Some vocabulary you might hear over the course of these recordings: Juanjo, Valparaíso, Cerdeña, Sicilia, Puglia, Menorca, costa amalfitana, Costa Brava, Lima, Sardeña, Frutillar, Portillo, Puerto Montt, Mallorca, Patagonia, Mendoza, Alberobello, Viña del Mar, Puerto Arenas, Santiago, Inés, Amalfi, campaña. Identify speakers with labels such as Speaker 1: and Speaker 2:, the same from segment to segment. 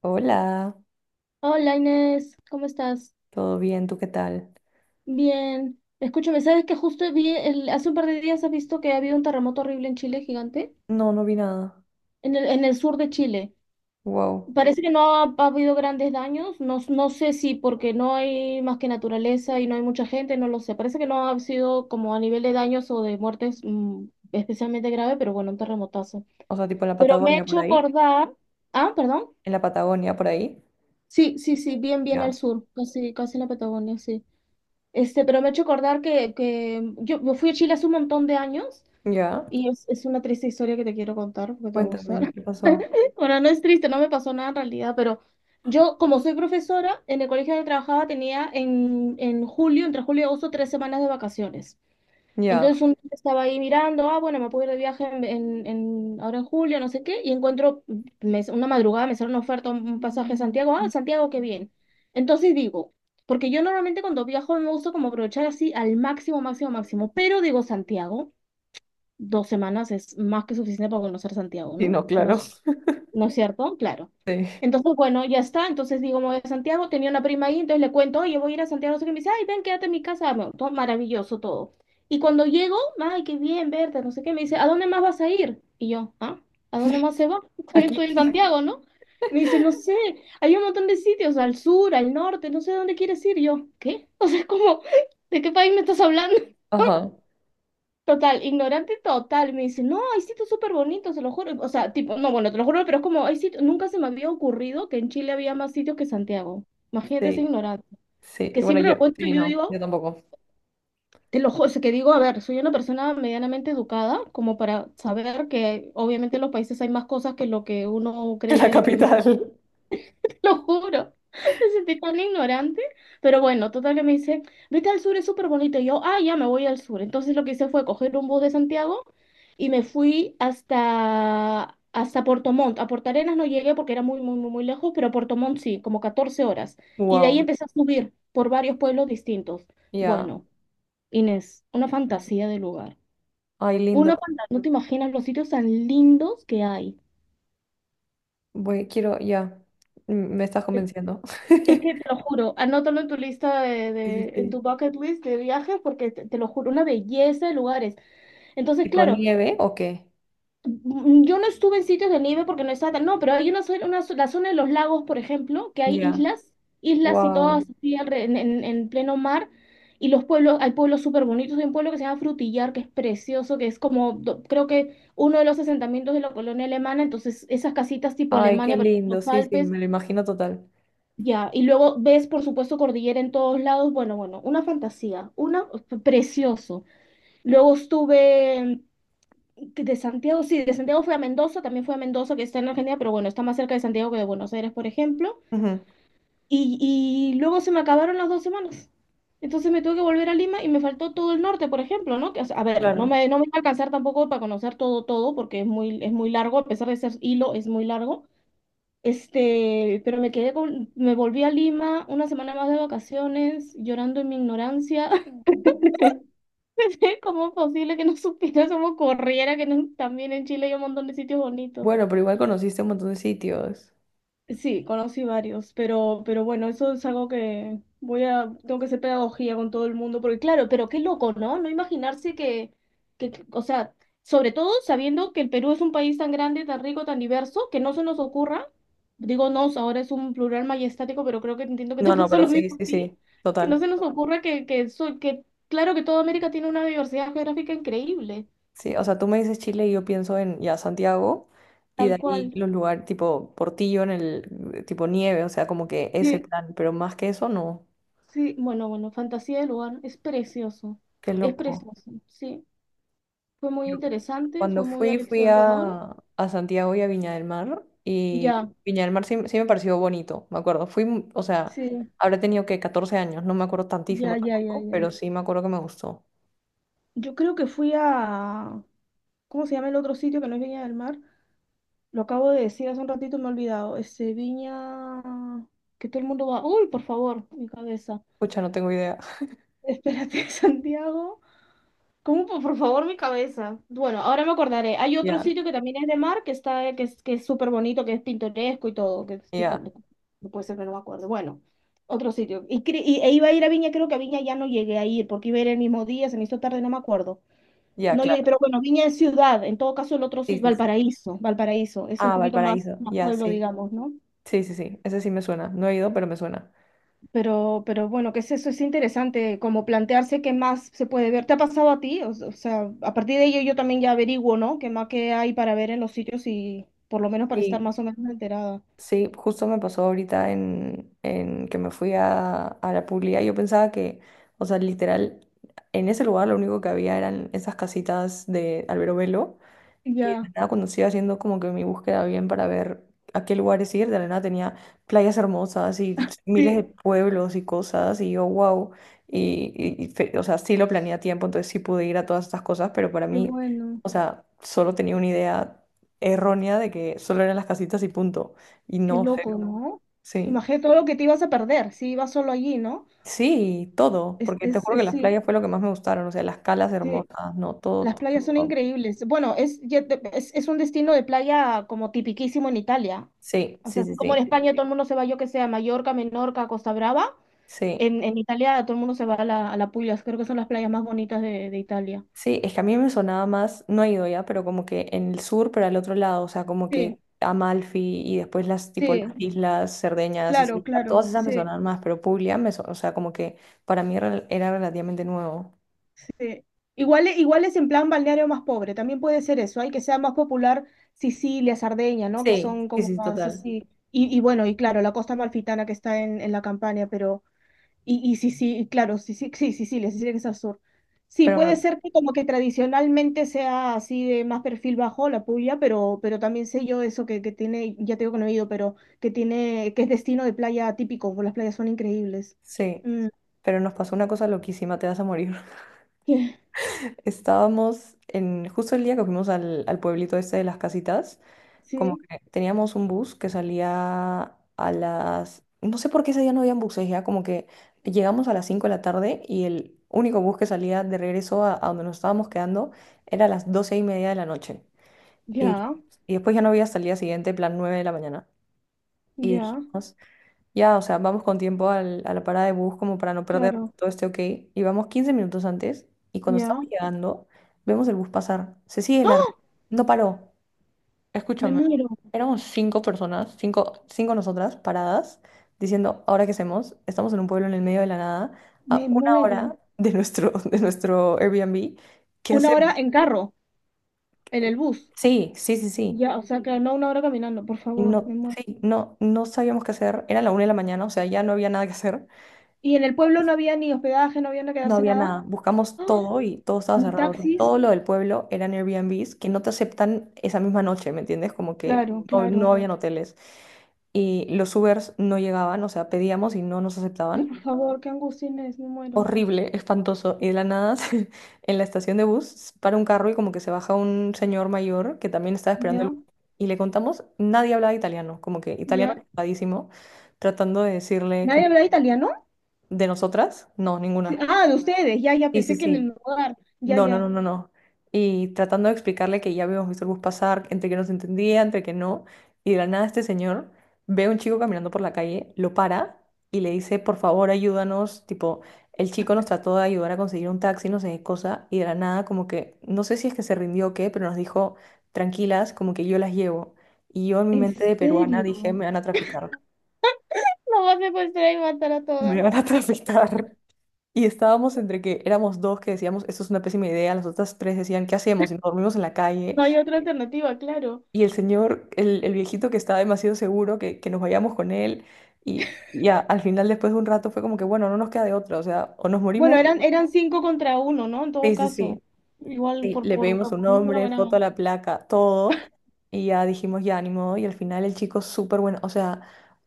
Speaker 1: Hola,
Speaker 2: Hola Inés, ¿cómo estás?
Speaker 1: ¿todo bien? ¿Tú qué tal?
Speaker 2: Bien. Escúchame, ¿sabes que justo hace un par de días has visto que ha habido un terremoto horrible en Chile, gigante?
Speaker 1: No, no vi nada.
Speaker 2: En el sur de Chile.
Speaker 1: Wow.
Speaker 2: Parece que no ha habido grandes daños. No, no sé si porque no hay más que naturaleza y no hay mucha gente, no lo sé. Parece que no ha sido como a nivel de daños o de muertes especialmente grave, pero bueno, un terremotazo.
Speaker 1: O sea, tipo en la
Speaker 2: Pero me he
Speaker 1: Patagonia por
Speaker 2: hecho
Speaker 1: ahí.
Speaker 2: acordar. Ah, perdón.
Speaker 1: En la Patagonia por ahí.
Speaker 2: Sí, sí, sí, bien, bien al
Speaker 1: Ya.
Speaker 2: sur, casi, casi en la Patagonia, sí. Pero me ha hecho acordar que yo fui a Chile hace un montón de años
Speaker 1: Ya.
Speaker 2: y es una triste historia que te quiero contar porque te va a gustar.
Speaker 1: Cuéntame, ¿qué pasó?
Speaker 2: Bueno, no es triste, no me pasó nada en realidad, pero yo, como soy profesora, en el colegio donde trabajaba tenía en julio, entre julio y agosto, 3 semanas de vacaciones.
Speaker 1: Ya.
Speaker 2: Entonces un día estaba ahí mirando, ah, bueno, me puedo ir de viaje ahora en julio, no sé qué, y encuentro, una madrugada me sale una oferta, un pasaje a Santiago, ah, Santiago, qué bien. Entonces digo, porque yo normalmente cuando viajo me gusta como aprovechar así al máximo, máximo, máximo, pero digo Santiago, 2 semanas es más que suficiente para conocer Santiago,
Speaker 1: Sí,
Speaker 2: ¿no?
Speaker 1: no,
Speaker 2: Es una
Speaker 1: claro.
Speaker 2: ¿No es cierto? Claro.
Speaker 1: Sí.
Speaker 2: Entonces, bueno, ya está. Entonces digo, me voy a Santiago. Tenía una prima ahí, entonces le cuento, oye, voy a ir a Santiago. No sé qué. Me dice, ay, ven, quédate en mi casa. Bueno, todo maravilloso todo. Y cuando llego, ay, qué bien verte, no sé qué. Me dice, ¿a dónde más vas a ir? Y yo, ¿ah? ¿A dónde más se va? Estoy,
Speaker 1: Aquí.
Speaker 2: estoy en Santiago, ¿no? Me dice, no sé, hay un montón de sitios, al sur, al norte, no sé dónde quieres ir. Y yo, ¿qué? O sea, es como, ¿de qué país me estás hablando?
Speaker 1: Ajá.
Speaker 2: Total, ignorante total, me dice, no, hay sitios súper bonitos, se lo juro. O sea, tipo, no, bueno, te lo juro, pero es como, hay sitios, nunca se me había ocurrido que en Chile había más sitios que Santiago. Imagínate ese
Speaker 1: Sí.
Speaker 2: ignorante.
Speaker 1: Sí.
Speaker 2: Que
Speaker 1: Y bueno,
Speaker 2: siempre
Speaker 1: yo.
Speaker 2: lo cuento
Speaker 1: Sí,
Speaker 2: y yo
Speaker 1: no,
Speaker 2: digo,
Speaker 1: yo tampoco.
Speaker 2: te lo juro, o sea, que digo, a ver, soy una persona medianamente educada, como para saber que obviamente en los países hay más cosas que lo que uno
Speaker 1: En la
Speaker 2: cree de primera.
Speaker 1: capital.
Speaker 2: Lo juro. Me sentí tan ignorante. Pero bueno, total que me dice, vete al sur, es súper bonito. Y yo, ah, ya me voy al sur. Entonces lo que hice fue coger un bus de Santiago y me fui hasta Puerto Montt. A Puerto Arenas no llegué porque era muy, muy, muy, muy lejos, pero a Puerto Montt sí, como 14 horas. Y de ahí
Speaker 1: Wow.
Speaker 2: empecé a subir por varios pueblos distintos.
Speaker 1: Ya.
Speaker 2: Bueno, Inés, una
Speaker 1: Eso.
Speaker 2: fantasía de lugar.
Speaker 1: Ay, lindo.
Speaker 2: Una fantasía, no te imaginas los sitios tan lindos que hay.
Speaker 1: Voy, quiero, ya. Me estás convenciendo.
Speaker 2: Es que te lo juro, anótalo en tu lista
Speaker 1: Sí, sí,
Speaker 2: en
Speaker 1: sí.
Speaker 2: tu bucket list de viajes, porque te lo juro, una belleza de lugares. Entonces,
Speaker 1: ¿Tipo
Speaker 2: claro,
Speaker 1: nieve o qué?
Speaker 2: yo no estuve en sitios de nieve porque no estaba tan, no, pero hay una, zona- una zo- la zona de los lagos, por ejemplo, que hay
Speaker 1: Ya.
Speaker 2: islas, islas y
Speaker 1: Wow.
Speaker 2: todas así en pleno mar, y los pueblos, hay pueblos súper bonitos, hay un pueblo que se llama Frutillar, que es precioso, que es como, creo que uno de los asentamientos de la colonia alemana, entonces esas casitas tipo
Speaker 1: Ay, qué
Speaker 2: Alemania, pero en
Speaker 1: lindo,
Speaker 2: los
Speaker 1: sí, sí,
Speaker 2: Alpes.
Speaker 1: me lo imagino total.
Speaker 2: Ya, y luego ves, por supuesto, cordillera en todos lados. Bueno, bueno, una fantasía, una precioso. Luego de Santiago, sí, de Santiago fui a Mendoza, también fui a Mendoza, que está en Argentina, pero bueno, está más cerca de Santiago que de Buenos Aires, por ejemplo.
Speaker 1: Ujú.
Speaker 2: Y luego se me acabaron las 2 semanas. Entonces me tuve que volver a Lima y me faltó todo el norte, por ejemplo, ¿no? Que, o sea, a ver, no
Speaker 1: Claro.
Speaker 2: me, no me iba a alcanzar tampoco para conocer todo, todo, porque es muy largo, a pesar de ser hilo, es muy largo. Pero me volví a Lima una semana más de vacaciones, llorando en mi ignorancia. ¿Cómo es posible que no supiera cómo corriera, que no- también en Chile hay un montón de sitios bonitos?
Speaker 1: Bueno, pero igual conociste un montón de sitios.
Speaker 2: Sí, conocí varios, pero bueno, eso es algo que tengo que hacer pedagogía con todo el mundo, porque claro, pero qué loco, ¿no? No imaginarse o sea, sobre todo sabiendo que el Perú es un país tan grande, tan rico, tan diverso, que no se nos ocurra, digo nos, ahora es un plural majestático, pero creo que entiendo que
Speaker 1: No,
Speaker 2: te
Speaker 1: no,
Speaker 2: pasó
Speaker 1: pero
Speaker 2: lo
Speaker 1: sí,
Speaker 2: mismo
Speaker 1: sí,
Speaker 2: a ti,
Speaker 1: sí,
Speaker 2: que no
Speaker 1: total.
Speaker 2: se nos ocurra que claro que toda América tiene una diversidad geográfica increíble,
Speaker 1: Sí, o sea, tú me dices Chile y yo pienso en ya Santiago y de
Speaker 2: tal
Speaker 1: ahí
Speaker 2: cual.
Speaker 1: los lugares tipo Portillo en el tipo nieve, o sea, como que ese plan, pero más que eso no.
Speaker 2: Sí, bueno, bueno, fantasía del lugar,
Speaker 1: Qué
Speaker 2: es
Speaker 1: loco.
Speaker 2: precioso, sí. Fue muy
Speaker 1: Yo
Speaker 2: interesante,
Speaker 1: Cuando
Speaker 2: fue muy
Speaker 1: fui, fui
Speaker 2: aleccionador.
Speaker 1: a, Santiago y a Viña del Mar y
Speaker 2: Ya,
Speaker 1: Viña del Mar sí, sí me pareció bonito, me acuerdo. O sea,
Speaker 2: sí,
Speaker 1: habré tenido que 14 años, no me acuerdo tantísimo
Speaker 2: ya, ya, ya,
Speaker 1: tampoco,
Speaker 2: ya.
Speaker 1: pero sí me acuerdo que me gustó.
Speaker 2: Yo creo que ¿cómo se llama el otro sitio que no es Viña del Mar? Lo acabo de decir hace un ratito, me he olvidado. Viña, que todo el mundo va, uy, por favor, mi cabeza.
Speaker 1: Pucha, no tengo idea.
Speaker 2: Espérate, Santiago. ¿Cómo? Por favor, mi cabeza. Bueno, ahora me acordaré. Hay otro
Speaker 1: Ya,
Speaker 2: sitio que también es de mar, que está, que es súper bonito, que es pintoresco y todo,
Speaker 1: ya,
Speaker 2: no no puede ser que no me acuerdo. Bueno, otro sitio. E iba a ir a Viña, creo que a Viña ya no llegué a ir, porque iba a ir el mismo día, se me hizo tarde, no me acuerdo.
Speaker 1: ya,
Speaker 2: No llegué,
Speaker 1: claro.
Speaker 2: pero bueno, Viña es ciudad, en todo caso el otro
Speaker 1: Sí,
Speaker 2: sitio,
Speaker 1: sí, sí.
Speaker 2: Valparaíso, Valparaíso, es un
Speaker 1: Ah,
Speaker 2: poquito más,
Speaker 1: Valparaíso,
Speaker 2: más
Speaker 1: ya,
Speaker 2: pueblo,
Speaker 1: sí.
Speaker 2: digamos, ¿no?
Speaker 1: Sí, sí, sí, ese sí me suena. No he ido, pero me suena.
Speaker 2: Pero bueno, ¿que es eso? Es interesante como plantearse qué más se puede ver. ¿Te ha pasado a ti? O sea, a partir de ello yo también ya averiguo, ¿no? ¿Qué más que hay para ver en los sitios y por lo menos para estar
Speaker 1: Sí.
Speaker 2: más o menos enterada?
Speaker 1: Sí, justo me pasó ahorita en, que me fui a la publicidad. Yo pensaba que, o sea, literal, en ese lugar lo único que había eran esas casitas de Alberobello y de la
Speaker 2: Ya,
Speaker 1: nada, cuando estoy haciendo como que mi búsqueda bien para ver a qué lugares ir, de la nada tenía playas hermosas y miles
Speaker 2: sí,
Speaker 1: de pueblos y cosas, y yo, wow. O sea, sí lo planeé a tiempo, entonces sí pude ir a todas estas cosas, pero para
Speaker 2: qué
Speaker 1: mí,
Speaker 2: bueno,
Speaker 1: o sea, solo tenía una idea errónea de que solo eran las casitas y punto. Y
Speaker 2: qué
Speaker 1: no,
Speaker 2: loco,
Speaker 1: cero.
Speaker 2: ¿no?
Speaker 1: Sí.
Speaker 2: Imagínate todo lo que te ibas a perder si ibas solo allí, ¿no?
Speaker 1: Sí, todo, porque te juro que las
Speaker 2: Sí,
Speaker 1: playas fue lo que más me gustaron, o sea, las calas
Speaker 2: sí.
Speaker 1: hermosas, no, todo,
Speaker 2: Las
Speaker 1: todo.
Speaker 2: playas son
Speaker 1: Wow.
Speaker 2: increíbles. Bueno, es, ya te- es un destino de playa como tipiquísimo en Italia.
Speaker 1: Sí,
Speaker 2: O sea,
Speaker 1: sí,
Speaker 2: así
Speaker 1: sí,
Speaker 2: como en
Speaker 1: sí.
Speaker 2: España todo el mundo se va, yo que sea, a Mallorca, Menorca, Costa Brava.
Speaker 1: Sí.
Speaker 2: En Italia todo el mundo se va a la Puglia, creo que son las playas más bonitas de Italia.
Speaker 1: Sí, es que a mí me sonaba más, no he ido ya, pero como que en el sur, pero al otro lado, o sea, como
Speaker 2: Sí,
Speaker 1: que Amalfi y después las tipo las
Speaker 2: sí,
Speaker 1: islas Cerdeña,
Speaker 2: claro,
Speaker 1: Sicilia, todas
Speaker 2: claro,
Speaker 1: esas me
Speaker 2: sí,
Speaker 1: sonaban más, pero Puglia o sea, como que para mí era relativamente nuevo.
Speaker 2: sí. Igual, igual es en plan balneario más pobre, también puede ser eso, hay que sea más popular Sicilia, Sardeña, ¿no? Que
Speaker 1: Sí,
Speaker 2: son
Speaker 1: sí,
Speaker 2: como
Speaker 1: sí,
Speaker 2: más
Speaker 1: total.
Speaker 2: así. Y bueno, y claro, la costa amalfitana que está en la campaña, pero... Y sí, sí, claro, sí, sí, sí, sí, sí, les decía que es azul. Sí,
Speaker 1: Pero
Speaker 2: puede
Speaker 1: me-
Speaker 2: ser que como que tradicionalmente sea así de más perfil bajo la puya, pero también sé yo eso que tiene, ya te digo que no he ido, pero que tiene, que es destino de playa típico, porque las playas son increíbles.
Speaker 1: sí,
Speaker 2: Mm,
Speaker 1: pero nos pasó una cosa loquísima, te vas a morir.
Speaker 2: que-
Speaker 1: Estábamos en justo el día que fuimos al pueblito este de las casitas. Como
Speaker 2: sí,
Speaker 1: que teníamos un bus que salía a las. No sé por qué ese día no habían buses ya, como que llegamos a las 5 de la tarde y el único bus que salía de regreso a donde nos estábamos quedando era a las 12:30 de la noche. Y,
Speaker 2: ya,
Speaker 1: y después ya no había hasta el día siguiente, plan 9 de la mañana. Y
Speaker 2: ya,
Speaker 1: dijimos, ya, o sea, vamos con tiempo a la parada de bus como para no perder
Speaker 2: claro,
Speaker 1: todo este ok. Y vamos 15 minutos antes y cuando estamos
Speaker 2: ya.
Speaker 1: llegando, vemos el bus pasar. Se sigue largo.
Speaker 2: ¡Ah!
Speaker 1: No paró.
Speaker 2: Me
Speaker 1: Escúchame,
Speaker 2: muero,
Speaker 1: éramos cinco personas, cinco, cinco nosotras paradas, diciendo, ¿ahora qué hacemos? Estamos en un pueblo en el medio de la nada,
Speaker 2: me
Speaker 1: a una
Speaker 2: muero.
Speaker 1: hora de nuestro, de nuestro Airbnb. ¿Qué
Speaker 2: Una
Speaker 1: hacemos?
Speaker 2: hora en carro, en el bus.
Speaker 1: Sí, sí, sí, sí.
Speaker 2: Ya, o sea que no una hora caminando, por
Speaker 1: Y
Speaker 2: favor,
Speaker 1: no,
Speaker 2: me muero.
Speaker 1: sí, no, no sabíamos qué hacer. Era la 1 de la mañana, o sea, ya no había nada que hacer.
Speaker 2: ¿Y en el pueblo no había ni hospedaje, no había que
Speaker 1: No
Speaker 2: quedarse
Speaker 1: había
Speaker 2: nada?
Speaker 1: nada. Buscamos
Speaker 2: ¡Ah!
Speaker 1: todo y todo estaba
Speaker 2: Ni
Speaker 1: cerrado. O sea,
Speaker 2: taxis.
Speaker 1: todo lo del pueblo eran Airbnbs que no te aceptan esa misma noche, ¿me entiendes? Como que
Speaker 2: Claro,
Speaker 1: no, no
Speaker 2: claro.
Speaker 1: habían hoteles. Y los Ubers no llegaban, o sea, pedíamos y no nos
Speaker 2: Ay,
Speaker 1: aceptaban.
Speaker 2: por favor, qué angustia Inés, me muero.
Speaker 1: Horrible, espantoso. Y de la nada, en la estación de bus, para un carro y como que se baja un señor mayor que también estaba esperando
Speaker 2: Ya,
Speaker 1: el bus. Y le contamos, nadie hablaba italiano, como que italiano
Speaker 2: ya.
Speaker 1: chocadísimo, tratando de decirle
Speaker 2: ¿Nadie
Speaker 1: como,
Speaker 2: habla italiano?
Speaker 1: de nosotras, no,
Speaker 2: Sí.
Speaker 1: ninguna.
Speaker 2: Ah, de ustedes. Ya, ya,
Speaker 1: Sí, sí,
Speaker 2: pensé que en el
Speaker 1: sí.
Speaker 2: lugar. Ya,
Speaker 1: No, no,
Speaker 2: ya.
Speaker 1: no, no, no. Y tratando de explicarle que ya habíamos visto el bus pasar, entre que nos entendía, entre que no. Y de la nada este señor ve a un chico caminando por la calle, lo para y le dice, por favor, ayúdanos. Tipo, el chico nos trató de ayudar a conseguir un taxi, no sé qué cosa. Y de la nada, como que, no sé si es que se rindió o qué, pero nos dijo, tranquilas, como que yo las llevo. Y yo en mi
Speaker 2: ¿En
Speaker 1: mente de peruana
Speaker 2: serio?
Speaker 1: dije, me van a traficar.
Speaker 2: No va a secuestrar y matar a todas.
Speaker 1: Me van a traficar. Y estábamos entre que éramos dos que decíamos, esto es una pésima idea, las otras tres decían, ¿qué hacemos? Y nos dormimos en la calle.
Speaker 2: No hay otra alternativa, claro.
Speaker 1: Y el señor, el viejito que estaba demasiado seguro que, nos vayamos con él. Y ya, al final, después de un rato, fue como que, bueno, no nos queda de otra. O sea, o nos
Speaker 2: Bueno,
Speaker 1: morimos.
Speaker 2: eran cinco contra uno, ¿no? En todo
Speaker 1: Sí, sí,
Speaker 2: caso.
Speaker 1: sí.
Speaker 2: Igual
Speaker 1: Sí,
Speaker 2: por,
Speaker 1: le
Speaker 2: por,
Speaker 1: pedimos
Speaker 2: por
Speaker 1: un
Speaker 2: número
Speaker 1: nombre, foto a
Speaker 2: ganamos.
Speaker 1: la placa, todo. Y ya dijimos, ya, ni modo. Y al final el chico súper bueno. O sea,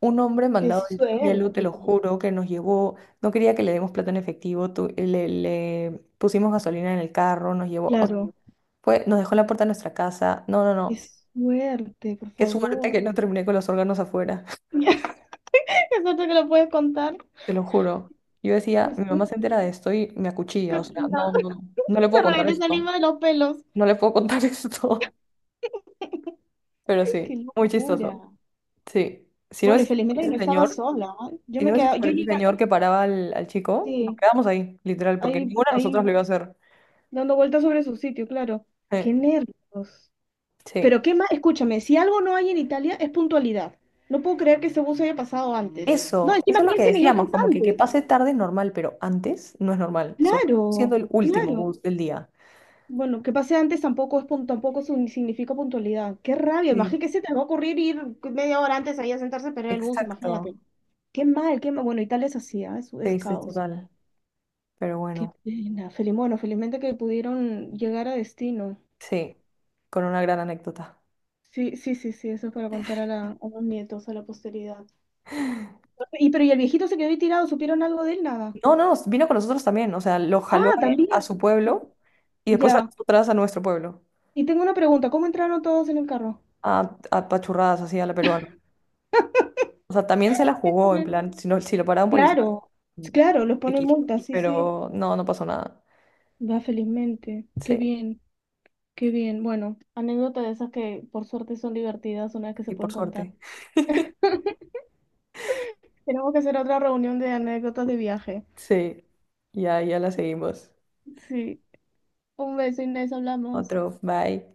Speaker 1: un hombre
Speaker 2: Qué
Speaker 1: mandado del cielo, te lo
Speaker 2: suerte.
Speaker 1: juro, que nos llevó. No quería que le demos plata en efectivo. Le pusimos gasolina en el carro, nos llevó. O sea,
Speaker 2: Claro,
Speaker 1: fue, nos dejó en la puerta de nuestra casa. No, no,
Speaker 2: qué
Speaker 1: no.
Speaker 2: suerte, por
Speaker 1: Qué suerte
Speaker 2: favor.
Speaker 1: que no terminé con los órganos afuera.
Speaker 2: Es otro que lo puedes contar.
Speaker 1: Te lo juro. Yo decía, mi
Speaker 2: Estoy
Speaker 1: mamá se entera de esto y me acuchilla. O sea,
Speaker 2: sorprendida.
Speaker 1: no, no, no. No le puedo
Speaker 2: Te
Speaker 1: contar
Speaker 2: regresa el
Speaker 1: esto.
Speaker 2: hilo de los pelos.
Speaker 1: No le puedo contar esto. Pero sí,
Speaker 2: Qué
Speaker 1: muy
Speaker 2: locura.
Speaker 1: chistoso. Sí. Si no
Speaker 2: Bueno, y
Speaker 1: es
Speaker 2: felizmente que no
Speaker 1: ese
Speaker 2: estaba
Speaker 1: señor,
Speaker 2: sola, ¿eh? Yo
Speaker 1: si
Speaker 2: me
Speaker 1: no es
Speaker 2: quedaba,
Speaker 1: por
Speaker 2: yo
Speaker 1: ese
Speaker 2: llegaba,
Speaker 1: señor que paraba al chico, nos
Speaker 2: sí,
Speaker 1: quedamos ahí, literal, porque
Speaker 2: ahí,
Speaker 1: ninguna de nosotras
Speaker 2: ahí
Speaker 1: lo iba a hacer.
Speaker 2: dando vueltas sobre su sitio, claro. Qué
Speaker 1: Eh,
Speaker 2: nervios.
Speaker 1: Sí.
Speaker 2: Pero qué más, escúchame, si algo no hay en Italia es puntualidad. No puedo creer que ese bus haya pasado antes. No,
Speaker 1: Eso
Speaker 2: encima
Speaker 1: es lo que
Speaker 2: 15
Speaker 1: decíamos,
Speaker 2: minutos
Speaker 1: como que
Speaker 2: antes.
Speaker 1: pase tarde es normal, pero antes no es normal, sobre todo siendo
Speaker 2: Claro,
Speaker 1: el último
Speaker 2: claro.
Speaker 1: bus del día.
Speaker 2: Bueno, que pase antes tampoco es pun- tampoco sun- significa puntualidad. Qué rabia,
Speaker 1: Sí,
Speaker 2: imagínate que se te va a ocurrir ir media hora antes ahí a sentarse a esperar el bus,
Speaker 1: exacto.
Speaker 2: imagínate. Qué mal, qué mal. Bueno, Italia es así, ¿ah? Es
Speaker 1: Sí, sí,
Speaker 2: caos.
Speaker 1: total. Pero
Speaker 2: Qué
Speaker 1: bueno,
Speaker 2: pena. Bueno, felizmente que pudieron llegar a destino.
Speaker 1: sí, con una gran anécdota.
Speaker 2: Sí, sí, sí, sí, eso es para contar a, la, a los nietos, a la posteridad. Y pero y el viejito se quedó ahí tirado, ¿supieron algo de él? Nada.
Speaker 1: No, no, vino con nosotros también, o sea, lo jaló
Speaker 2: Ah,
Speaker 1: a él a su
Speaker 2: también.
Speaker 1: pueblo y después a
Speaker 2: Ya.
Speaker 1: nosotras a nuestro pueblo,
Speaker 2: Y tengo una pregunta, ¿cómo entraron todos en el carro?
Speaker 1: a pachurradas así a la peruana. O sea, también se la
Speaker 2: ¿Qué
Speaker 1: jugó, en
Speaker 2: ponen?
Speaker 1: plan, si, no, si lo paraba un policía,
Speaker 2: Claro,
Speaker 1: mm,
Speaker 2: claro, los ponen
Speaker 1: X.
Speaker 2: multas. Sí, sí.
Speaker 1: Pero no, no pasó nada.
Speaker 2: Va felizmente. Qué
Speaker 1: Sí,
Speaker 2: bien, qué bien. Bueno, anécdotas de esas que por suerte son divertidas una vez que se
Speaker 1: y
Speaker 2: pueden
Speaker 1: por
Speaker 2: contar.
Speaker 1: suerte.
Speaker 2: Tenemos que hacer otra reunión de anécdotas de viaje.
Speaker 1: Sí, y ahí ya la seguimos.
Speaker 2: Sí. Un beso, Inés, hablamos.
Speaker 1: Otro, bye.